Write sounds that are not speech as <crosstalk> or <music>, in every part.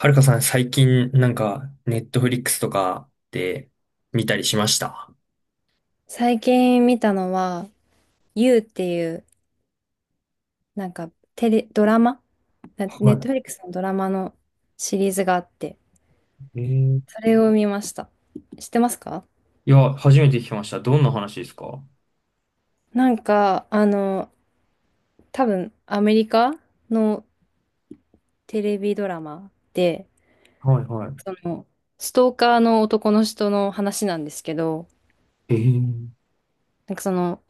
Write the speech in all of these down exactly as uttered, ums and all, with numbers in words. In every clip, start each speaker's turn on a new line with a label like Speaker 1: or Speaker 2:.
Speaker 1: はるかさん、最近、なんか、ネットフリックスとかで見たりしました？
Speaker 2: 最近見たのは、You っていう、なんかテレ、ドラマなネッ
Speaker 1: は
Speaker 2: トフリックスのドラマのシリーズがあって、
Speaker 1: い。えー、
Speaker 2: それを見ました。知ってますか？
Speaker 1: いや、初めて聞きました。どんな話ですか？は
Speaker 2: なんか、あの、多分アメリカのテレビドラマで、
Speaker 1: いは
Speaker 2: その、ストーカーの男の人の話なんですけど、
Speaker 1: い。えー、
Speaker 2: なんかその、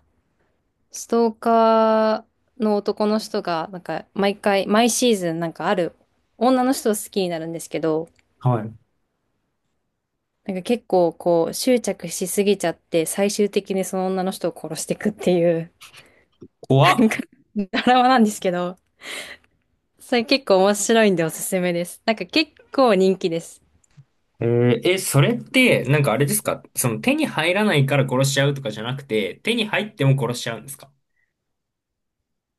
Speaker 2: ストーカーの男の人が、なんか毎回、毎シーズンなんかある女の人を好きになるんですけど、
Speaker 1: はい。
Speaker 2: なんか結構こう執着しすぎちゃって最終的にその女の人を殺していくっていう
Speaker 1: 怖
Speaker 2: なん
Speaker 1: っ。
Speaker 2: かドラマなんですけど、それ結構面白いんでおすすめです。なんか結構人気です。
Speaker 1: えー、え、それって、なんかあれですか？その手に入らないから殺しちゃうとかじゃなくて、手に入っても殺しちゃうんですか？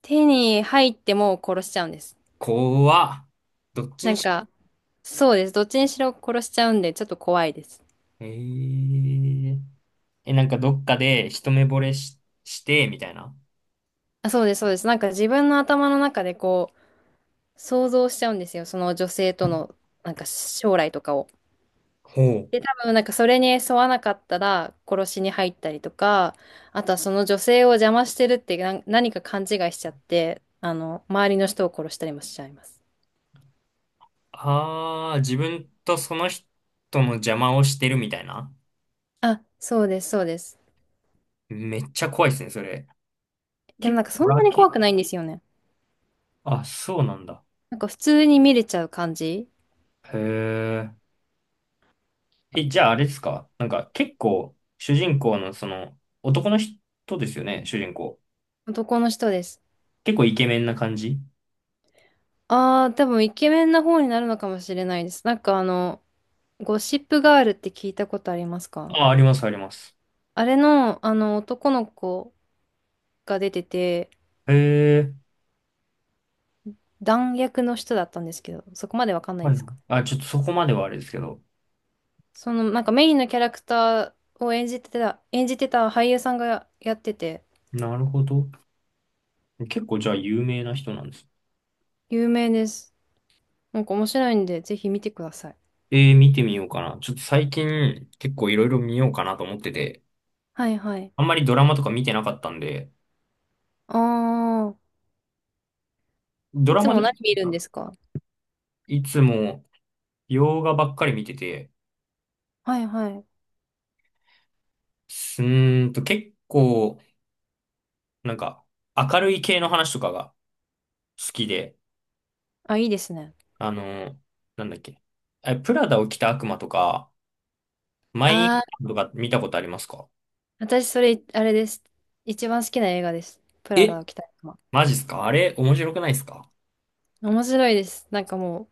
Speaker 2: 手に入っても殺しちゃうんです。
Speaker 1: 怖っ。どっち
Speaker 2: な
Speaker 1: に
Speaker 2: ん
Speaker 1: しろ。
Speaker 2: かそうです。どっちにしろ殺しちゃうんでちょっと怖いです。
Speaker 1: えー、え、なんかどっかで一目惚れし、して、みたいな。
Speaker 2: あ、そうです、そうです。なんか自分の頭の中でこう想像しちゃうんですよ。その女性とのなんか将来とかを。
Speaker 1: ほ
Speaker 2: で、
Speaker 1: う。
Speaker 2: 多分なんかそれに沿わなかったら殺しに入ったりとか、あとはその女性を邪魔してるってな何か勘違いしちゃって、あの、周りの人を殺したりもしちゃいます。
Speaker 1: ああ、自分とその人の邪魔をしてるみたいな。
Speaker 2: あ、そうです、そうです。
Speaker 1: めっちゃ怖いですね、それ。
Speaker 2: でも
Speaker 1: 結
Speaker 2: なん
Speaker 1: 構、
Speaker 2: かそ
Speaker 1: ホ
Speaker 2: ん
Speaker 1: ラ
Speaker 2: な
Speaker 1: ー
Speaker 2: に怖
Speaker 1: 系。
Speaker 2: くないんですよね。
Speaker 1: あ、そうなんだ。
Speaker 2: なんか普通に見れちゃう感じ。
Speaker 1: へえ。え、じゃああれですか？なんか結構、主人公のその、男の人ですよね、主人公。
Speaker 2: 男の人です。
Speaker 1: 結構イケメンな感じ？
Speaker 2: ああ、多分イケメンな方になるのかもしれないです。なんかあの、ゴシップガールって聞いたことありますか？
Speaker 1: あ、あります、あります。
Speaker 2: あれの、あの、男の子が出てて、
Speaker 1: へえ。
Speaker 2: 弾薬の人だったんですけど、そこまでわかんない
Speaker 1: は
Speaker 2: で
Speaker 1: い。
Speaker 2: すか？
Speaker 1: あ、ちょっとそこまではあれですけど。
Speaker 2: その、なんかメインのキャラクターを演じてた、演じてた俳優さんがやってて、
Speaker 1: なるほど。結構じゃあ有名な人なんです？
Speaker 2: 有名です。なんか面白いんで、ぜひ見てください。
Speaker 1: えー、見てみようかな。ちょっと最近結構いろいろ見ようかなと思ってて。
Speaker 2: はいはい。
Speaker 1: あんまりドラマとか見てなかったんで、
Speaker 2: ああ、
Speaker 1: ド
Speaker 2: い
Speaker 1: ラ
Speaker 2: つ
Speaker 1: マで
Speaker 2: も
Speaker 1: す
Speaker 2: 何見るんで
Speaker 1: か？
Speaker 2: すか？
Speaker 1: いつも洋画ばっかり見てて、
Speaker 2: はいはい。
Speaker 1: すーんと結構、なんか明るい系の話とかが好きで、
Speaker 2: あ、いいですね。
Speaker 1: あの、なんだっけ。え、プラダを着た悪魔とか、マイン
Speaker 2: ああ、
Speaker 1: カンとか見たことありますか？
Speaker 2: 私それ、あれです。一番好きな映画です。プラ
Speaker 1: え、
Speaker 2: ダを着た悪魔。
Speaker 1: マジっすか？あれ面白くないっすか？
Speaker 2: 面白いです。なんかも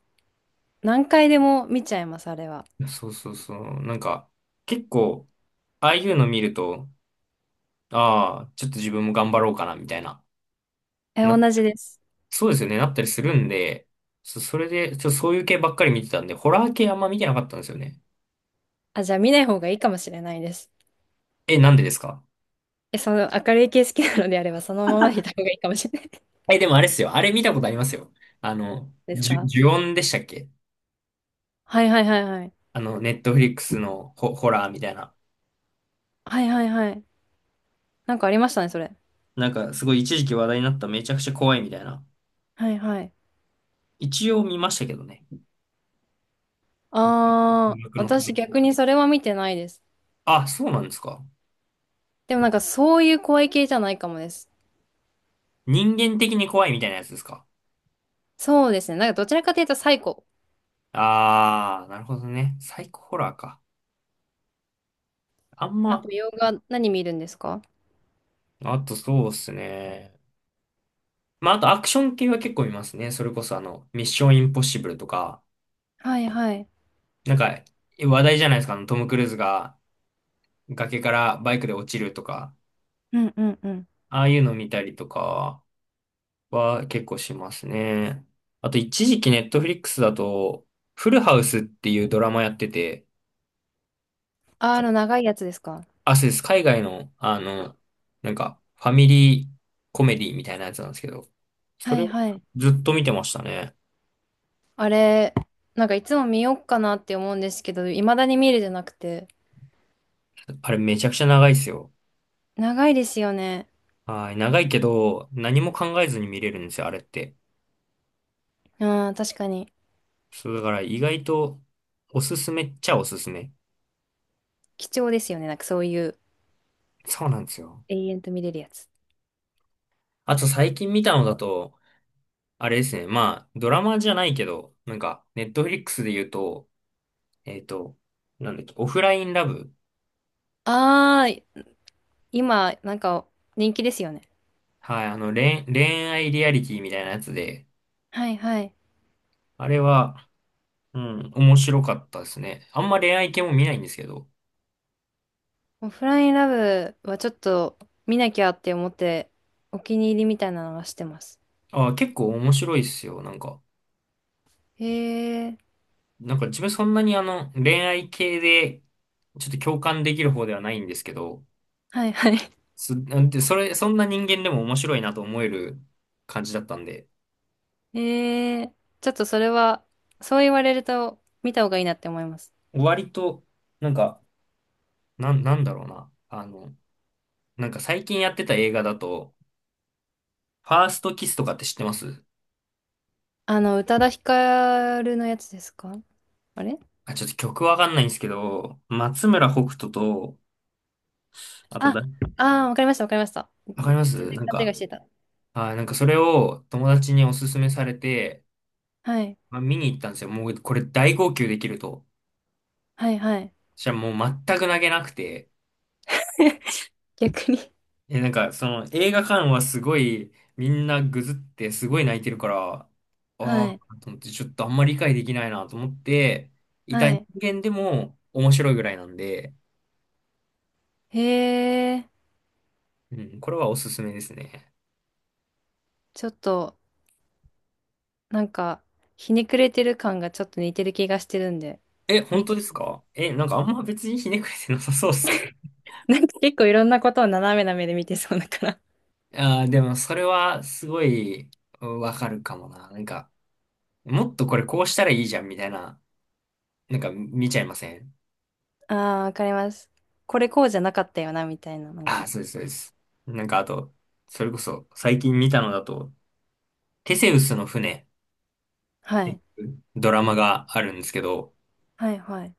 Speaker 2: う、何回でも見ちゃいます、あれは。
Speaker 1: そうそうそう。なんか、結構、ああいうの見ると、ああ、ちょっと自分も頑張ろうかな、みたいな。
Speaker 2: え、同じです。
Speaker 1: そうですよね、なったりするんで、そ、それで、ちょ、そういう系ばっかり見てたんで、ホラー系あんま見てなかったんですよね。
Speaker 2: あ、じゃあ見ない方がいいかもしれないです。
Speaker 1: え、なんでですか？
Speaker 2: え、その明るい系好きなのであれば、そのままでいた方がいいかもしれない
Speaker 1: え、でもあれっすよ。あれ見たことありますよ。あの、
Speaker 2: です
Speaker 1: ジュ、
Speaker 2: か？
Speaker 1: ジュオンでしたっけ？
Speaker 2: はいはいはいはい。
Speaker 1: あの、ネットフリックスのホ、ホラーみたいな。
Speaker 2: はいはいはい。なんかありましたね、それ。
Speaker 1: なんか、すごい一時期話題になっためちゃくちゃ怖いみたいな。
Speaker 2: はいはい。
Speaker 1: 一応見ましたけどね。
Speaker 2: あ
Speaker 1: 音
Speaker 2: ー、
Speaker 1: 楽のた
Speaker 2: 私
Speaker 1: め。
Speaker 2: 逆にそれは見てないです。
Speaker 1: あ、そうなんですか。
Speaker 2: でもなんかそういう怖い系じゃないかもです。
Speaker 1: 人間的に怖いみたいなやつですか？
Speaker 2: そうですね。なんかどちらかというとサイコ。
Speaker 1: あー、なるほどね。サイコホラーか。あん
Speaker 2: あ
Speaker 1: ま、
Speaker 2: と洋画何見るんですか？
Speaker 1: あとそうっすね。まあ、あとアクション系は結構見ますね。それこそあの、ミッションインポッシブルとか、
Speaker 2: はいはい。
Speaker 1: なんか話題じゃないですか。あのトム・クルーズが崖からバイクで落ちるとか、
Speaker 2: うんうんうん。
Speaker 1: ああいうの見たりとかは結構しますね。あと一時期ネットフリックスだと、フルハウスっていうドラマやってて、
Speaker 2: あー、あの長いやつですか？
Speaker 1: あ、そうです。海外の、あの、なんかファミリーコメディみたいなやつなんですけど、そ
Speaker 2: は
Speaker 1: れ
Speaker 2: い
Speaker 1: を
Speaker 2: はい。
Speaker 1: ずっと見てましたね。
Speaker 2: あれ、なんかいつも見よっかなって思うんですけど、未だに見るじゃなくて。
Speaker 1: あれめちゃくちゃ長いですよ。
Speaker 2: 長いですよね。
Speaker 1: はい、長いけど、何も考えずに見れるんですよ、あれって。
Speaker 2: うん、確かに。
Speaker 1: そう、だから意外と、おすすめっちゃおすすめ。
Speaker 2: 貴重ですよね。なんかそういう
Speaker 1: そうなんですよ。
Speaker 2: 永遠と見れるやつ。
Speaker 1: あと最近見たのだと、あれですね、まあ、ドラマじゃないけど、なんか、ネットフリックスで言うと、えっと、なんだっけ、オフラインラブ。
Speaker 2: ああ、今、なんか人気ですよね。
Speaker 1: はい、あの、恋、恋愛リアリティみたいなやつで、
Speaker 2: はいはい。
Speaker 1: あれは、うん、面白かったですね。あんま恋愛系も見ないんですけど、
Speaker 2: オフラインラブはちょっと見なきゃって思って、お気に入りみたいなのはしてます。
Speaker 1: あ、結構面白いっすよ、なんか。
Speaker 2: へえ、
Speaker 1: なんか自分そんなにあの、恋愛系で、ちょっと共感できる方ではないんですけど、
Speaker 2: はいはい。
Speaker 1: す、なんて、それ、そんな人間でも面白いなと思える感じだったんで、
Speaker 2: へえ、ちょっとそれは、そう言われると見た方がいいなって思います。
Speaker 1: 割と、なんか、なん、なんだろうな。あの、なんか最近やってた映画だと、ファーストキスとかって知ってます？
Speaker 2: あの、宇多田ヒカルのやつですか？あれ、
Speaker 1: あ、ちょっと曲わかんないんですけど、松村北斗と、あと
Speaker 2: あ、
Speaker 1: だ、
Speaker 2: ああー、わかりましたわかりました。
Speaker 1: わかりま
Speaker 2: 全
Speaker 1: す？なん
Speaker 2: 然勘違
Speaker 1: か、
Speaker 2: いしてた。
Speaker 1: あ、なんかそれを友達におすすめされて、
Speaker 2: はい、
Speaker 1: まあ、見に行ったんですよ。もうこれ大号泣できると。
Speaker 2: はいはい。
Speaker 1: じゃあもう全く泣けなくて、
Speaker 2: <laughs> 逆に。
Speaker 1: え、なんかその映画館はすごいみんなぐずってすごい泣いてるから、あ、あ、
Speaker 2: はい。
Speaker 1: と思ってちょっとあんまり理解できないなと思って、いた
Speaker 2: は
Speaker 1: 人
Speaker 2: い。
Speaker 1: 間でも面白いぐらいなんで、
Speaker 2: へえ、
Speaker 1: うん、これはおすすめですね。
Speaker 2: ちょっと、なんか、ひねくれてる感がちょっと似てる気がしてるんで、
Speaker 1: え、本
Speaker 2: 見
Speaker 1: 当
Speaker 2: て。
Speaker 1: ですか？え、なんかあんま別にひねくれてなさそうですけど。
Speaker 2: <laughs> なんか結構いろんなことを斜めな目で見てそうだから。
Speaker 1: <laughs> ああ、でもそれはすごいうんわかるかもな。なんか、もっとこれこうしたらいいじゃんみたいな、なんか見ちゃいません？
Speaker 2: ああ、わかります。これこうじゃなかったよな、みたいな、なん
Speaker 1: ああ、
Speaker 2: か。
Speaker 1: そうです、そうです。なんかあと、それこそ最近見たのだと、テセウスの船っ
Speaker 2: は
Speaker 1: てい
Speaker 2: い。
Speaker 1: うドラマがあるんですけど、
Speaker 2: はい、はい、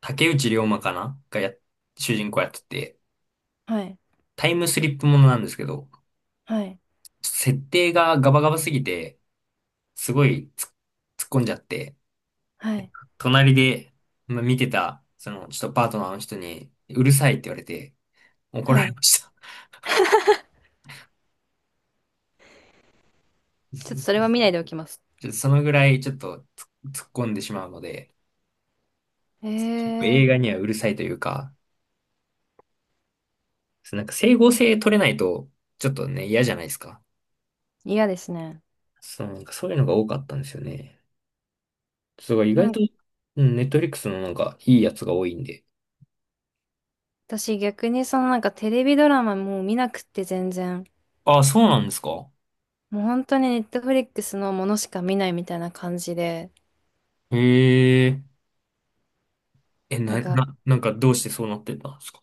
Speaker 1: 竹内涼真かながや、主人公やってて、
Speaker 2: はい、
Speaker 1: タイムスリップものなんですけど、
Speaker 2: はい、
Speaker 1: 設定がガバガバすぎて、すごいつ突っ込んじゃって、
Speaker 2: はい、
Speaker 1: 隣で、まあ、見てた、その、ちょっとパートナーの人に、うるさいって言われて、怒
Speaker 2: は
Speaker 1: られ
Speaker 2: い。
Speaker 1: ました。
Speaker 2: ちょっとそれは
Speaker 1: <laughs>
Speaker 2: 見ないでおきます。
Speaker 1: ちょっとそのぐらいちょっと突っ突っ込んでしまうので、
Speaker 2: へ
Speaker 1: やっぱ映
Speaker 2: え、
Speaker 1: 画にはうるさいというか、そうなんか整合性取れないと、ちょっとね、嫌じゃないですか。
Speaker 2: 嫌ですね。
Speaker 1: そう、なんかそういうのが多かったんですよね。そう、意
Speaker 2: な
Speaker 1: 外
Speaker 2: ん
Speaker 1: と、
Speaker 2: か、
Speaker 1: うん、ネットフリックスのなんかいいやつが多いんで。
Speaker 2: 私逆にそのなんかテレビドラマもう見なくって全然。
Speaker 1: ああ、そうなんですか。
Speaker 2: もう本当にネットフリックスのものしか見ないみたいな感じで、
Speaker 1: へえ。え、
Speaker 2: な
Speaker 1: な、
Speaker 2: んか
Speaker 1: な、なんかどうしてそうなってたんですか。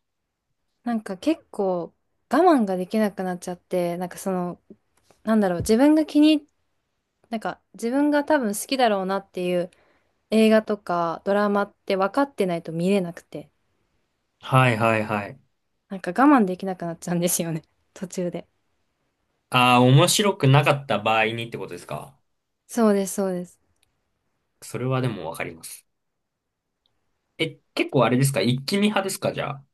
Speaker 2: なんか結構我慢ができなくなっちゃって、なんかその、なんだろう、自分が気に、なんか自分が多分好きだろうなっていう映画とかドラマって分かってないと見れなくて、
Speaker 1: はいはいはい。
Speaker 2: なんか我慢できなくなっちゃうんですよね。<laughs> 途中で。
Speaker 1: ああ、面白くなかった場合にってことですか。
Speaker 2: そうです、そうです。
Speaker 1: それはでもわかります。え、結構あれですか？一気見派ですか？じゃあ。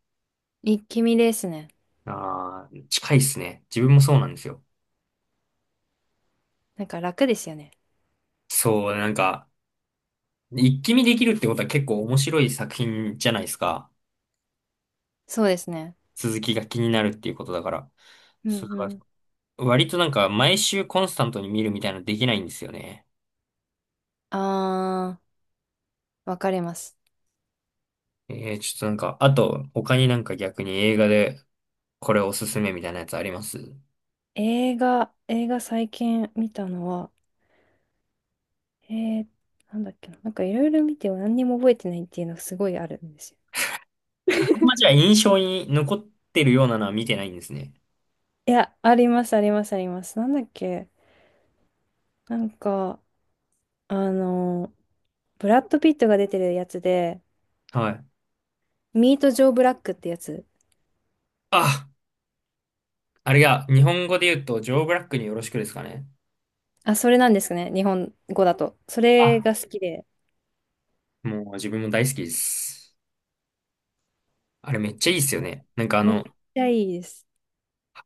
Speaker 2: 一気見ですね。
Speaker 1: ああ、近いっすね。自分もそうなんですよ。
Speaker 2: なんか楽ですよね。
Speaker 1: そう、なんか、一気見できるってことは結構面白い作品じゃないですか。
Speaker 2: そうですね。
Speaker 1: 続きが気になるっていうことだから。
Speaker 2: うん
Speaker 1: それ
Speaker 2: う
Speaker 1: は
Speaker 2: ん。
Speaker 1: 割となんか毎週コンスタントに見るみたいなのできないんですよね。
Speaker 2: あー、わかります。
Speaker 1: えー、ちょっとなんか、あと他になんか逆に映画でこれおすすめみたいなやつあります？
Speaker 2: 映画、映画最近見たのは、えー、なんだっけな。なんかいろいろ見ても何にも覚えてないっていうのがすごいあるんですよ。
Speaker 1: あんまじゃあ印象に残ってるようなのは見てないんですね。
Speaker 2: いや、あります、あります、あります。なんだっけ？なんか、あの、ブラッド・ピットが出てるやつで、
Speaker 1: はい。
Speaker 2: ミート・ジョー・ブラックってやつ。
Speaker 1: あ、あれが日本語で言うとジョー・ブラックによろしくですかね。
Speaker 2: あ、それなんですね。日本語だと。それが
Speaker 1: あ、
Speaker 2: 好きで、
Speaker 1: もう自分も大好きです。あれめっちゃいいっすよね。なんかあ
Speaker 2: めっ
Speaker 1: の、
Speaker 2: ちゃいいです。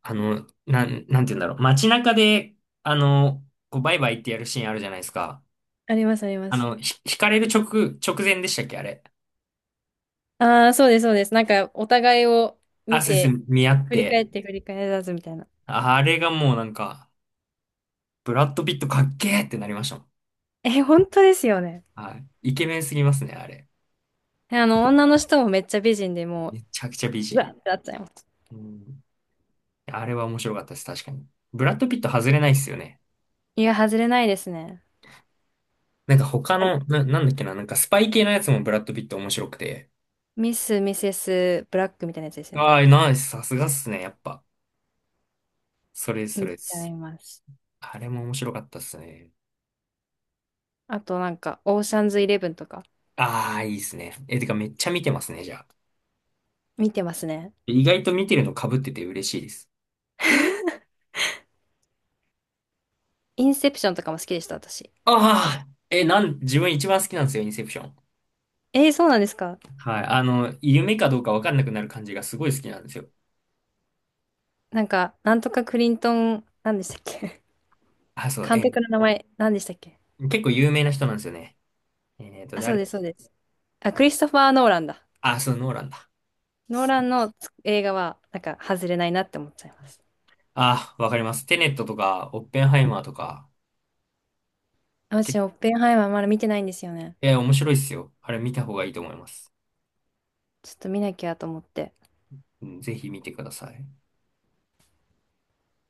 Speaker 1: あの、なん、なんて言うんだろう。街中で、あの、こうバイバイってやるシーンあるじゃないですか。
Speaker 2: あります、ありま
Speaker 1: あ
Speaker 2: す。
Speaker 1: の、ひ、引かれる直、直前でしたっけ、あれ。
Speaker 2: ああ、そうです、そうです。なんか、お互いを
Speaker 1: あ、
Speaker 2: 見
Speaker 1: そうです。
Speaker 2: て、
Speaker 1: 見合っ
Speaker 2: 振り
Speaker 1: て。
Speaker 2: 返って振り返らずみたいな。
Speaker 1: あれがもうなんか、ブラッド・ピットかっけーってなりましたもん。
Speaker 2: <laughs> え、本当ですよね。
Speaker 1: はい。イケメンすぎますね、あれ。
Speaker 2: あの、女の人もめっちゃ美人でも
Speaker 1: めちゃくちゃ美
Speaker 2: う、うわ
Speaker 1: 人。
Speaker 2: ってなっちゃいます。
Speaker 1: うん。あれは面白かったです、確かに。ブラッド・ピット外れないっすよね。
Speaker 2: いや、外れないですね。
Speaker 1: なんか他
Speaker 2: あ、
Speaker 1: の、な、なんだっけな、なんかスパイ系のやつもブラッド・ピット面白くて。
Speaker 2: ミス・ミセス・ブラックみたいなやつですよね。
Speaker 1: ああ、ナイス、さすがっすね、やっぱ。それです、そ
Speaker 2: 見
Speaker 1: れで
Speaker 2: ちゃい
Speaker 1: す。
Speaker 2: ます。
Speaker 1: あれも面白かったっすね。
Speaker 2: あとなんか、オーシャンズイレブンとか
Speaker 1: ああ、いいっすね。え、てかめっちゃ見てますね、じゃあ。
Speaker 2: 見てますね。
Speaker 1: 意外と見てるの被ってて嬉しいです。
Speaker 2: インセプションとかも好きでした、私。
Speaker 1: ああ、え、なん、自分一番好きなんですよ、インセプション。
Speaker 2: えー、そうなんですか？
Speaker 1: はい。あの、夢かどうかわかんなくなる感じがすごい好きなんですよ。
Speaker 2: なんか、なんとかクリントン、なんでしたっけ？
Speaker 1: あ、
Speaker 2: <laughs>
Speaker 1: そう、
Speaker 2: 監
Speaker 1: え
Speaker 2: 督の名前、なんでしたっけ？
Speaker 1: ー、結構有名な人なんですよね。えっと、
Speaker 2: あ、そ
Speaker 1: 誰
Speaker 2: うで
Speaker 1: だ？
Speaker 2: す、そうです。あ、クリストファー・ノーランだ。
Speaker 1: あ、そう、ノーランだ。
Speaker 2: ノーランの映画は、なんか、外れないなって思っちゃいます。
Speaker 1: あ、わかります。テネットとか、オッペンハイマーとか、け
Speaker 2: 私、オッペンハイマーまだ見てないんですよね。
Speaker 1: え、面白いっすよ。あれ見た方がいいと思います。
Speaker 2: ちょっと見なきゃと思って。
Speaker 1: うん、ぜひ見てください。